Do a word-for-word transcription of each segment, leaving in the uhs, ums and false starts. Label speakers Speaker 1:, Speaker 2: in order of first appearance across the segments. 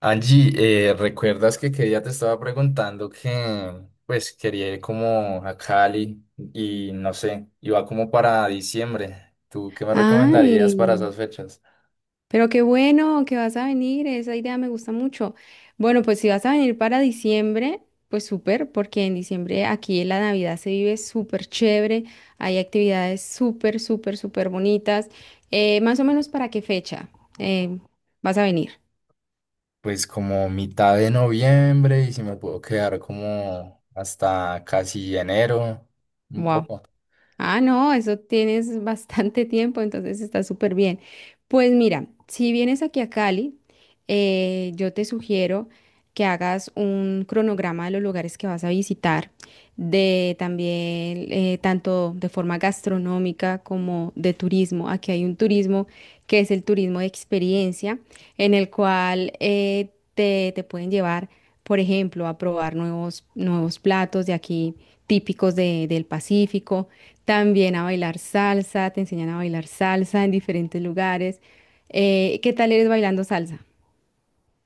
Speaker 1: Angie, eh, ¿recuerdas que, que ya te estaba preguntando que pues quería ir como a Cali y no sé, iba como para diciembre? ¿Tú qué me
Speaker 2: Ay,
Speaker 1: recomendarías para esas fechas?
Speaker 2: pero qué bueno que vas a venir, esa idea me gusta mucho. Bueno, pues si vas a venir para diciembre, pues súper, porque en diciembre aquí en la Navidad se vive súper chévere, hay actividades súper, súper, súper bonitas. Eh, más o menos para qué fecha eh, vas a venir?
Speaker 1: Pues como mitad de noviembre y si me puedo quedar como hasta casi enero, un poco.
Speaker 2: Ah, no, eso tienes bastante tiempo, entonces está súper bien. Pues mira, si vienes aquí a Cali, eh, yo te sugiero que hagas un cronograma de los lugares que vas a visitar, de también eh, tanto de forma gastronómica como de turismo. Aquí hay un turismo que es el turismo de experiencia, en el cual eh, te, te pueden llevar, por ejemplo, a probar nuevos, nuevos platos de aquí típicos de- del Pacífico, también a bailar salsa, te enseñan a bailar salsa en diferentes lugares. Eh, ¿qué tal eres bailando salsa?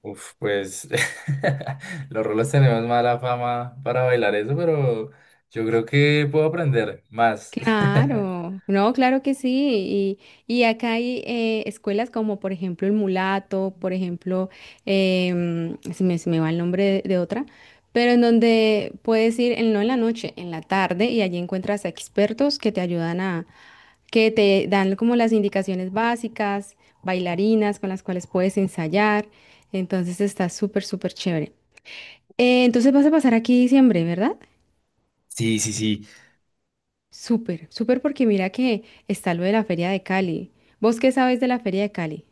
Speaker 1: Uf, pues los rolos tenemos mala fama para bailar eso, pero yo creo que puedo aprender más.
Speaker 2: Claro, no, claro que sí. Y, y acá hay eh, escuelas como, por ejemplo, el Mulato, por ejemplo, em, se me, se me va el nombre de, de otra, pero en donde puedes ir, en, no en la noche, en la tarde, y allí encuentras a expertos que te ayudan a, que te dan como las indicaciones básicas, bailarinas con las cuales puedes ensayar. Entonces está súper, súper chévere. Eh, entonces vas a pasar aquí diciembre, ¿verdad?
Speaker 1: Sí, sí, sí.
Speaker 2: Súper, súper, porque mira que está lo de la Feria de Cali. ¿Vos qué sabes de la Feria de Cali?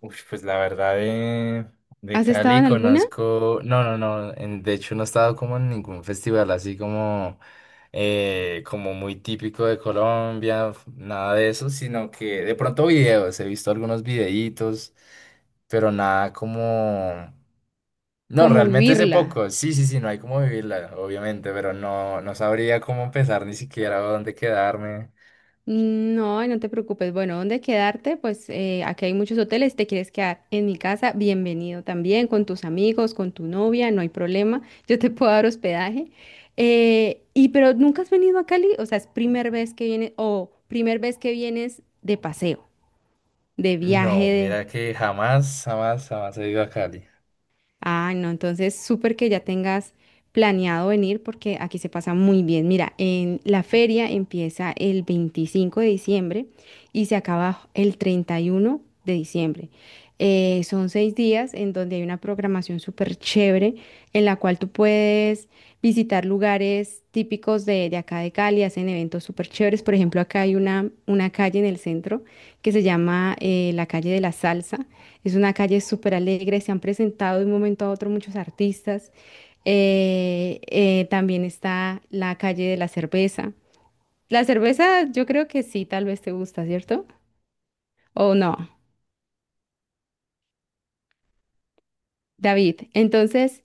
Speaker 1: Uy, pues la verdad de, de
Speaker 2: ¿Has estado
Speaker 1: Cali
Speaker 2: en alguna?
Speaker 1: conozco, no, no, no, en- de hecho no he estado como en ningún festival así como, eh, como muy típico de Colombia, nada de eso, sino que de pronto videos, he visto algunos videitos, pero nada como, no,
Speaker 2: ¿Cómo
Speaker 1: realmente hace
Speaker 2: vivirla?
Speaker 1: poco, sí, sí, sí, no hay como vivirla, obviamente, pero no, no sabría cómo empezar ni siquiera o dónde quedarme.
Speaker 2: Mm, no, no te preocupes. Bueno, ¿dónde quedarte? Pues eh, aquí hay muchos hoteles. Si te quieres quedar en mi casa, bienvenido también, con tus amigos, con tu novia, no hay problema. Yo te puedo dar hospedaje. Eh, y pero nunca has venido a Cali, o sea, es primera vez que vienes, o primer vez que vienes de paseo, de
Speaker 1: No,
Speaker 2: viaje.
Speaker 1: mira que jamás, jamás, jamás he ido a Cali.
Speaker 2: Ah, no, entonces súper que ya tengas planeado venir porque aquí se pasa muy bien. Mira, en la feria empieza el veinticinco de diciembre y se acaba el treinta y uno de diciembre. Eh, son seis días en donde hay una programación súper chévere en la cual tú puedes visitar lugares típicos de, de acá de Cali, hacen eventos súper chéveres. Por ejemplo, acá hay una, una calle en el centro que se llama eh, la calle de la salsa, es una calle súper alegre, se han presentado de un momento a otro muchos artistas. Eh, eh, también está la calle de la cerveza. La cerveza yo creo que sí, tal vez te gusta, ¿cierto? O no, David. Entonces,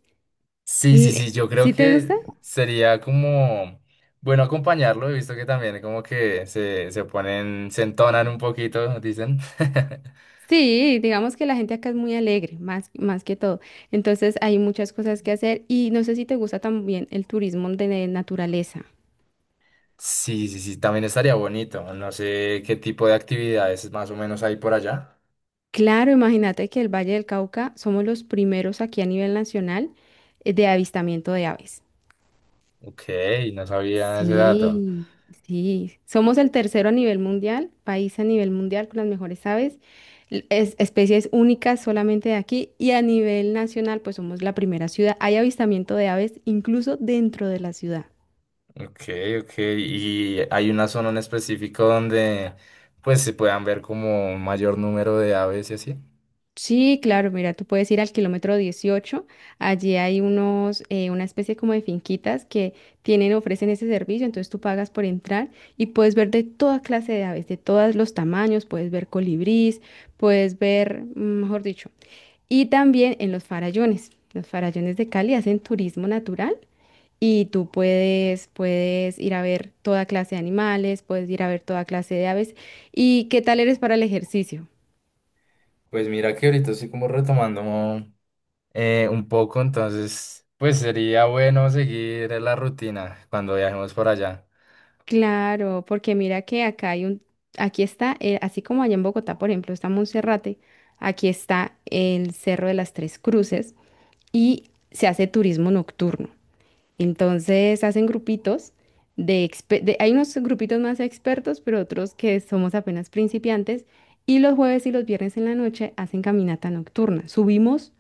Speaker 1: Sí, sí, sí,
Speaker 2: l-
Speaker 1: yo creo
Speaker 2: ¿sí te gusta?
Speaker 1: que sería como bueno acompañarlo. He visto que también como que se, se ponen, se entonan un poquito, dicen.
Speaker 2: Sí, digamos que la gente acá es muy alegre, más, más que todo. Entonces hay muchas cosas que hacer y no sé si te gusta también el turismo de naturaleza.
Speaker 1: Sí, sí, sí, también estaría bonito. No sé qué tipo de actividades más o menos hay por allá.
Speaker 2: Claro, imagínate que el Valle del Cauca somos los primeros aquí a nivel nacional eh, de avistamiento de aves.
Speaker 1: Ok, no sabía ese dato.
Speaker 2: Sí, sí. Somos el tercero a nivel mundial, país a nivel mundial con las mejores aves, l- es- especies únicas solamente de aquí, y a nivel nacional pues somos la primera ciudad. Hay avistamiento de aves incluso dentro de la ciudad.
Speaker 1: Ok, ok. ¿Y hay una zona en específico donde pues se puedan ver como un mayor número de aves y así?
Speaker 2: Sí, claro, mira, tú puedes ir al kilómetro dieciocho. Allí hay unos, eh, una especie como de finquitas que tienen, ofrecen ese servicio, entonces tú pagas por entrar y puedes ver de toda clase de aves, de todos los tamaños, puedes ver colibrís, puedes ver, mm, mejor dicho, y también en los farallones, los farallones de Cali hacen turismo natural, y tú puedes, puedes ir a ver toda clase de animales, puedes ir a ver toda clase de aves. ¿Y qué tal eres para el ejercicio?
Speaker 1: Pues mira que ahorita estoy como retomando, eh, un poco, entonces, pues sería bueno seguir la rutina cuando viajemos por allá.
Speaker 2: Claro, porque mira que acá hay un, aquí está, eh, así como allá en Bogotá, por ejemplo, está Monserrate, aquí está el Cerro de las Tres Cruces y se hace turismo nocturno. Entonces hacen grupitos de, expe- de- hay unos grupitos más expertos, pero otros que somos apenas principiantes, y los jueves y los viernes en la noche hacen caminata nocturna. Subimos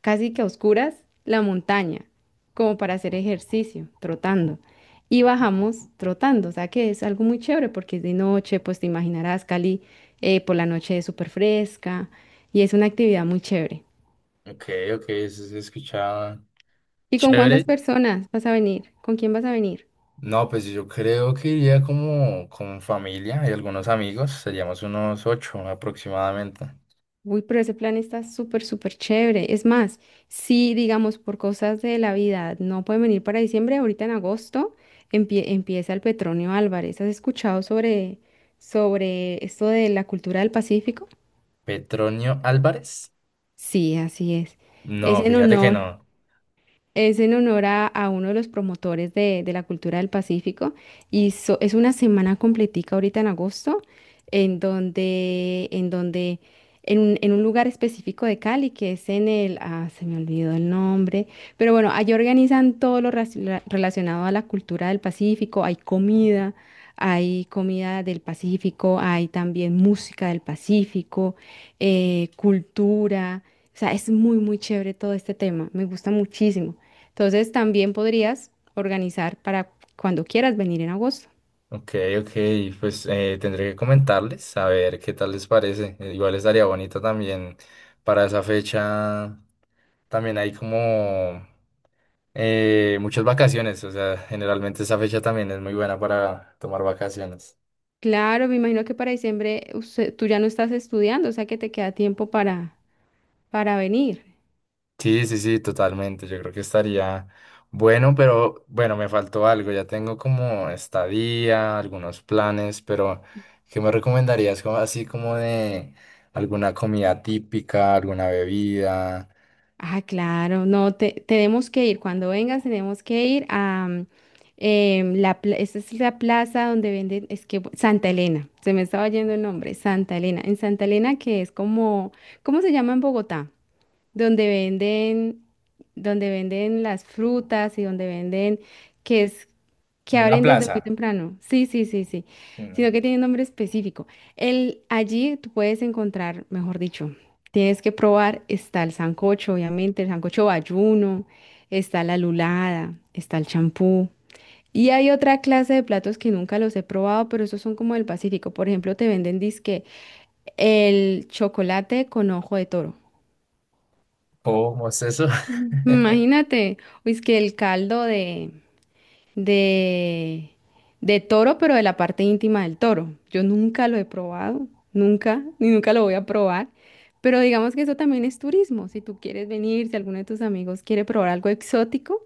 Speaker 2: casi que a oscuras la montaña, como para hacer ejercicio, trotando. Y bajamos trotando, o sea que es algo muy chévere porque es de noche, pues te imaginarás, Cali, eh, por la noche es súper fresca, y es una actividad muy chévere.
Speaker 1: Ok, ok, eso se escuchaba
Speaker 2: ¿Y con
Speaker 1: chévere.
Speaker 2: cuántas personas vas a venir? ¿Con quién vas a venir?
Speaker 1: No, pues yo creo que iría como con familia y algunos amigos, seríamos unos ocho aproximadamente.
Speaker 2: Uy, pero ese plan está súper, súper chévere. Es más, si digamos por cosas de la vida no pueden venir para diciembre, ahorita en agosto empie- empieza el Petronio Álvarez. ¿Has escuchado sobre, sobre esto de la cultura del Pacífico?
Speaker 1: Petronio Álvarez.
Speaker 2: Sí, así es. Es
Speaker 1: No,
Speaker 2: en
Speaker 1: fíjate que
Speaker 2: honor.
Speaker 1: no.
Speaker 2: Es en honor a, a uno de los promotores de, de la cultura del Pacífico, y so- es una semana completica ahorita en agosto en donde, en donde, en un, en un lugar específico de Cali que es en el, ah, se me olvidó el nombre, pero bueno, allí organizan todo lo raci- la- relacionado a la cultura del Pacífico, hay comida, hay comida del Pacífico, hay también música del Pacífico, eh, cultura, o sea, es muy, muy chévere todo este tema, me gusta muchísimo. Entonces también podrías organizar para cuando quieras venir en agosto.
Speaker 1: Ok, ok, pues eh, tendré que comentarles a ver qué tal les parece. Eh, Igual estaría bonito también para esa fecha, también hay como eh, muchas vacaciones, o sea, generalmente esa fecha también es muy buena para tomar vacaciones.
Speaker 2: Claro, me imagino que para diciembre usted- tú ya no estás estudiando, o sea que te queda tiempo para, para venir.
Speaker 1: Sí, sí, sí, totalmente. Yo creo que estaría bueno, pero bueno, me faltó algo. Ya tengo como estadía, algunos planes, pero ¿qué me recomendarías? Como, así como de alguna comida típica, alguna bebida,
Speaker 2: Ah, claro, no, te- tenemos que ir. Cuando vengas tenemos que ir a mm, em, la, pla- esa es la plaza donde venden, es que Santa Elena, se me estaba yendo el nombre, Santa Elena. En Santa Elena, que es como, ¿cómo se llama en Bogotá? Donde venden, donde venden las frutas y donde venden, que es, que
Speaker 1: como una
Speaker 2: abren desde muy
Speaker 1: plaza.
Speaker 2: temprano. Sí, sí, sí, sí.
Speaker 1: Mm,
Speaker 2: Sino que tiene un nombre específico. El, allí tú puedes encontrar, mejor dicho, tienes que probar, está el sancocho, obviamente, el sancocho bayuno, está la lulada, está el champú. Y hay otra clase de platos que nunca los he probado, pero esos son como del Pacífico. Por ejemplo, te venden disque el chocolate con ojo de toro.
Speaker 1: ¿cómo es eso?
Speaker 2: Imagínate, uy, es que el caldo de, de, de toro, pero de la parte íntima del toro. Yo nunca lo he probado, nunca, ni nunca lo voy a probar. Pero digamos que eso también es turismo. Si tú quieres venir, si alguno de tus amigos quiere probar algo exótico,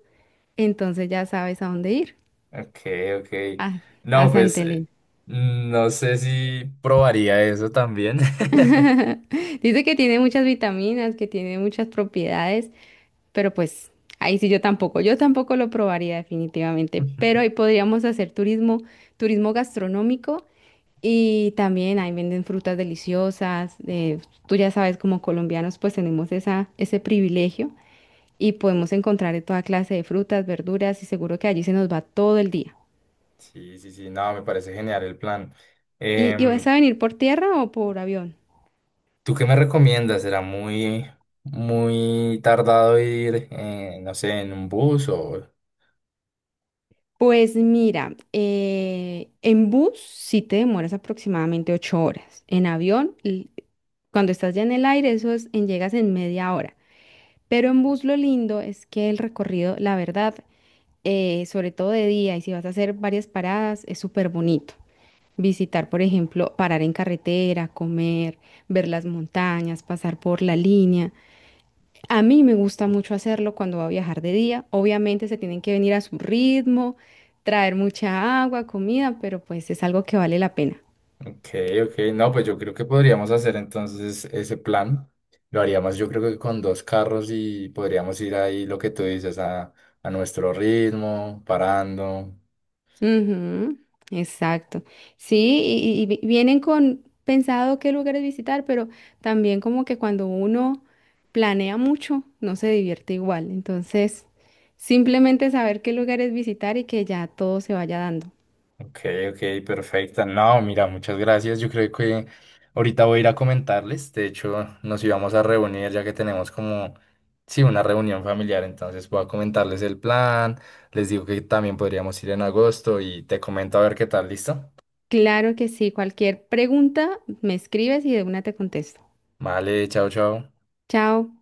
Speaker 2: entonces ya sabes a dónde ir,
Speaker 1: Ok, ok.
Speaker 2: a, a
Speaker 1: No, pues
Speaker 2: Santa
Speaker 1: eh,
Speaker 2: Elena.
Speaker 1: no sé si probaría eso también.
Speaker 2: Dice que tiene muchas vitaminas, que tiene muchas propiedades. Pero pues ahí sí yo tampoco, yo tampoco lo probaría definitivamente, pero ahí podríamos hacer turismo, turismo gastronómico, y también ahí venden frutas deliciosas, eh, tú ya sabes, como colombianos pues tenemos esa, ese privilegio, y podemos encontrar de toda clase de frutas, verduras y seguro que allí se nos va todo el día.
Speaker 1: Sí, sí, sí, no, me parece genial el plan.
Speaker 2: ¿Y, y vas
Speaker 1: Em,
Speaker 2: a venir por tierra o por avión?
Speaker 1: ¿tú qué me recomiendas? ¿Será muy, muy tardado ir, eh, no sé, en un bus o...?
Speaker 2: Pues mira, eh, en bus sí te demoras aproximadamente ocho horas, en avión l- cuando estás ya en el aire, eso es en llegas en media hora. Pero en bus lo lindo es que el recorrido, la verdad, eh, sobre todo de día, y si vas a hacer varias paradas, es súper bonito. Visitar, por ejemplo, parar en carretera, comer, ver las montañas, pasar por la línea. A mí me gusta mucho hacerlo cuando va a viajar de día. Obviamente se tienen que venir a su ritmo, traer mucha agua, comida, pero pues es algo que vale la pena.
Speaker 1: Ok, ok, no, pues yo creo que podríamos hacer entonces ese plan. Lo haríamos yo creo que con dos carros y podríamos ir ahí, lo que tú dices, a, a nuestro ritmo, parando.
Speaker 2: Ujú, exacto. Sí, y, y- vi- vienen con pensado qué lugares visitar, pero también como que cuando uno planea mucho, no se divierte igual. Entonces, simplemente saber qué lugares visitar y que ya todo se vaya dando.
Speaker 1: Ok, ok, perfecta. No, mira, muchas gracias. Yo creo que ahorita voy a ir a comentarles. De hecho, nos íbamos a reunir ya que tenemos como, sí, una reunión familiar. Entonces voy a comentarles el plan. Les digo que también podríamos ir en agosto y te comento a ver qué tal, ¿listo?
Speaker 2: Claro que sí, cualquier pregunta me escribes y de una te contesto.
Speaker 1: Vale, chao, chao.
Speaker 2: Chao.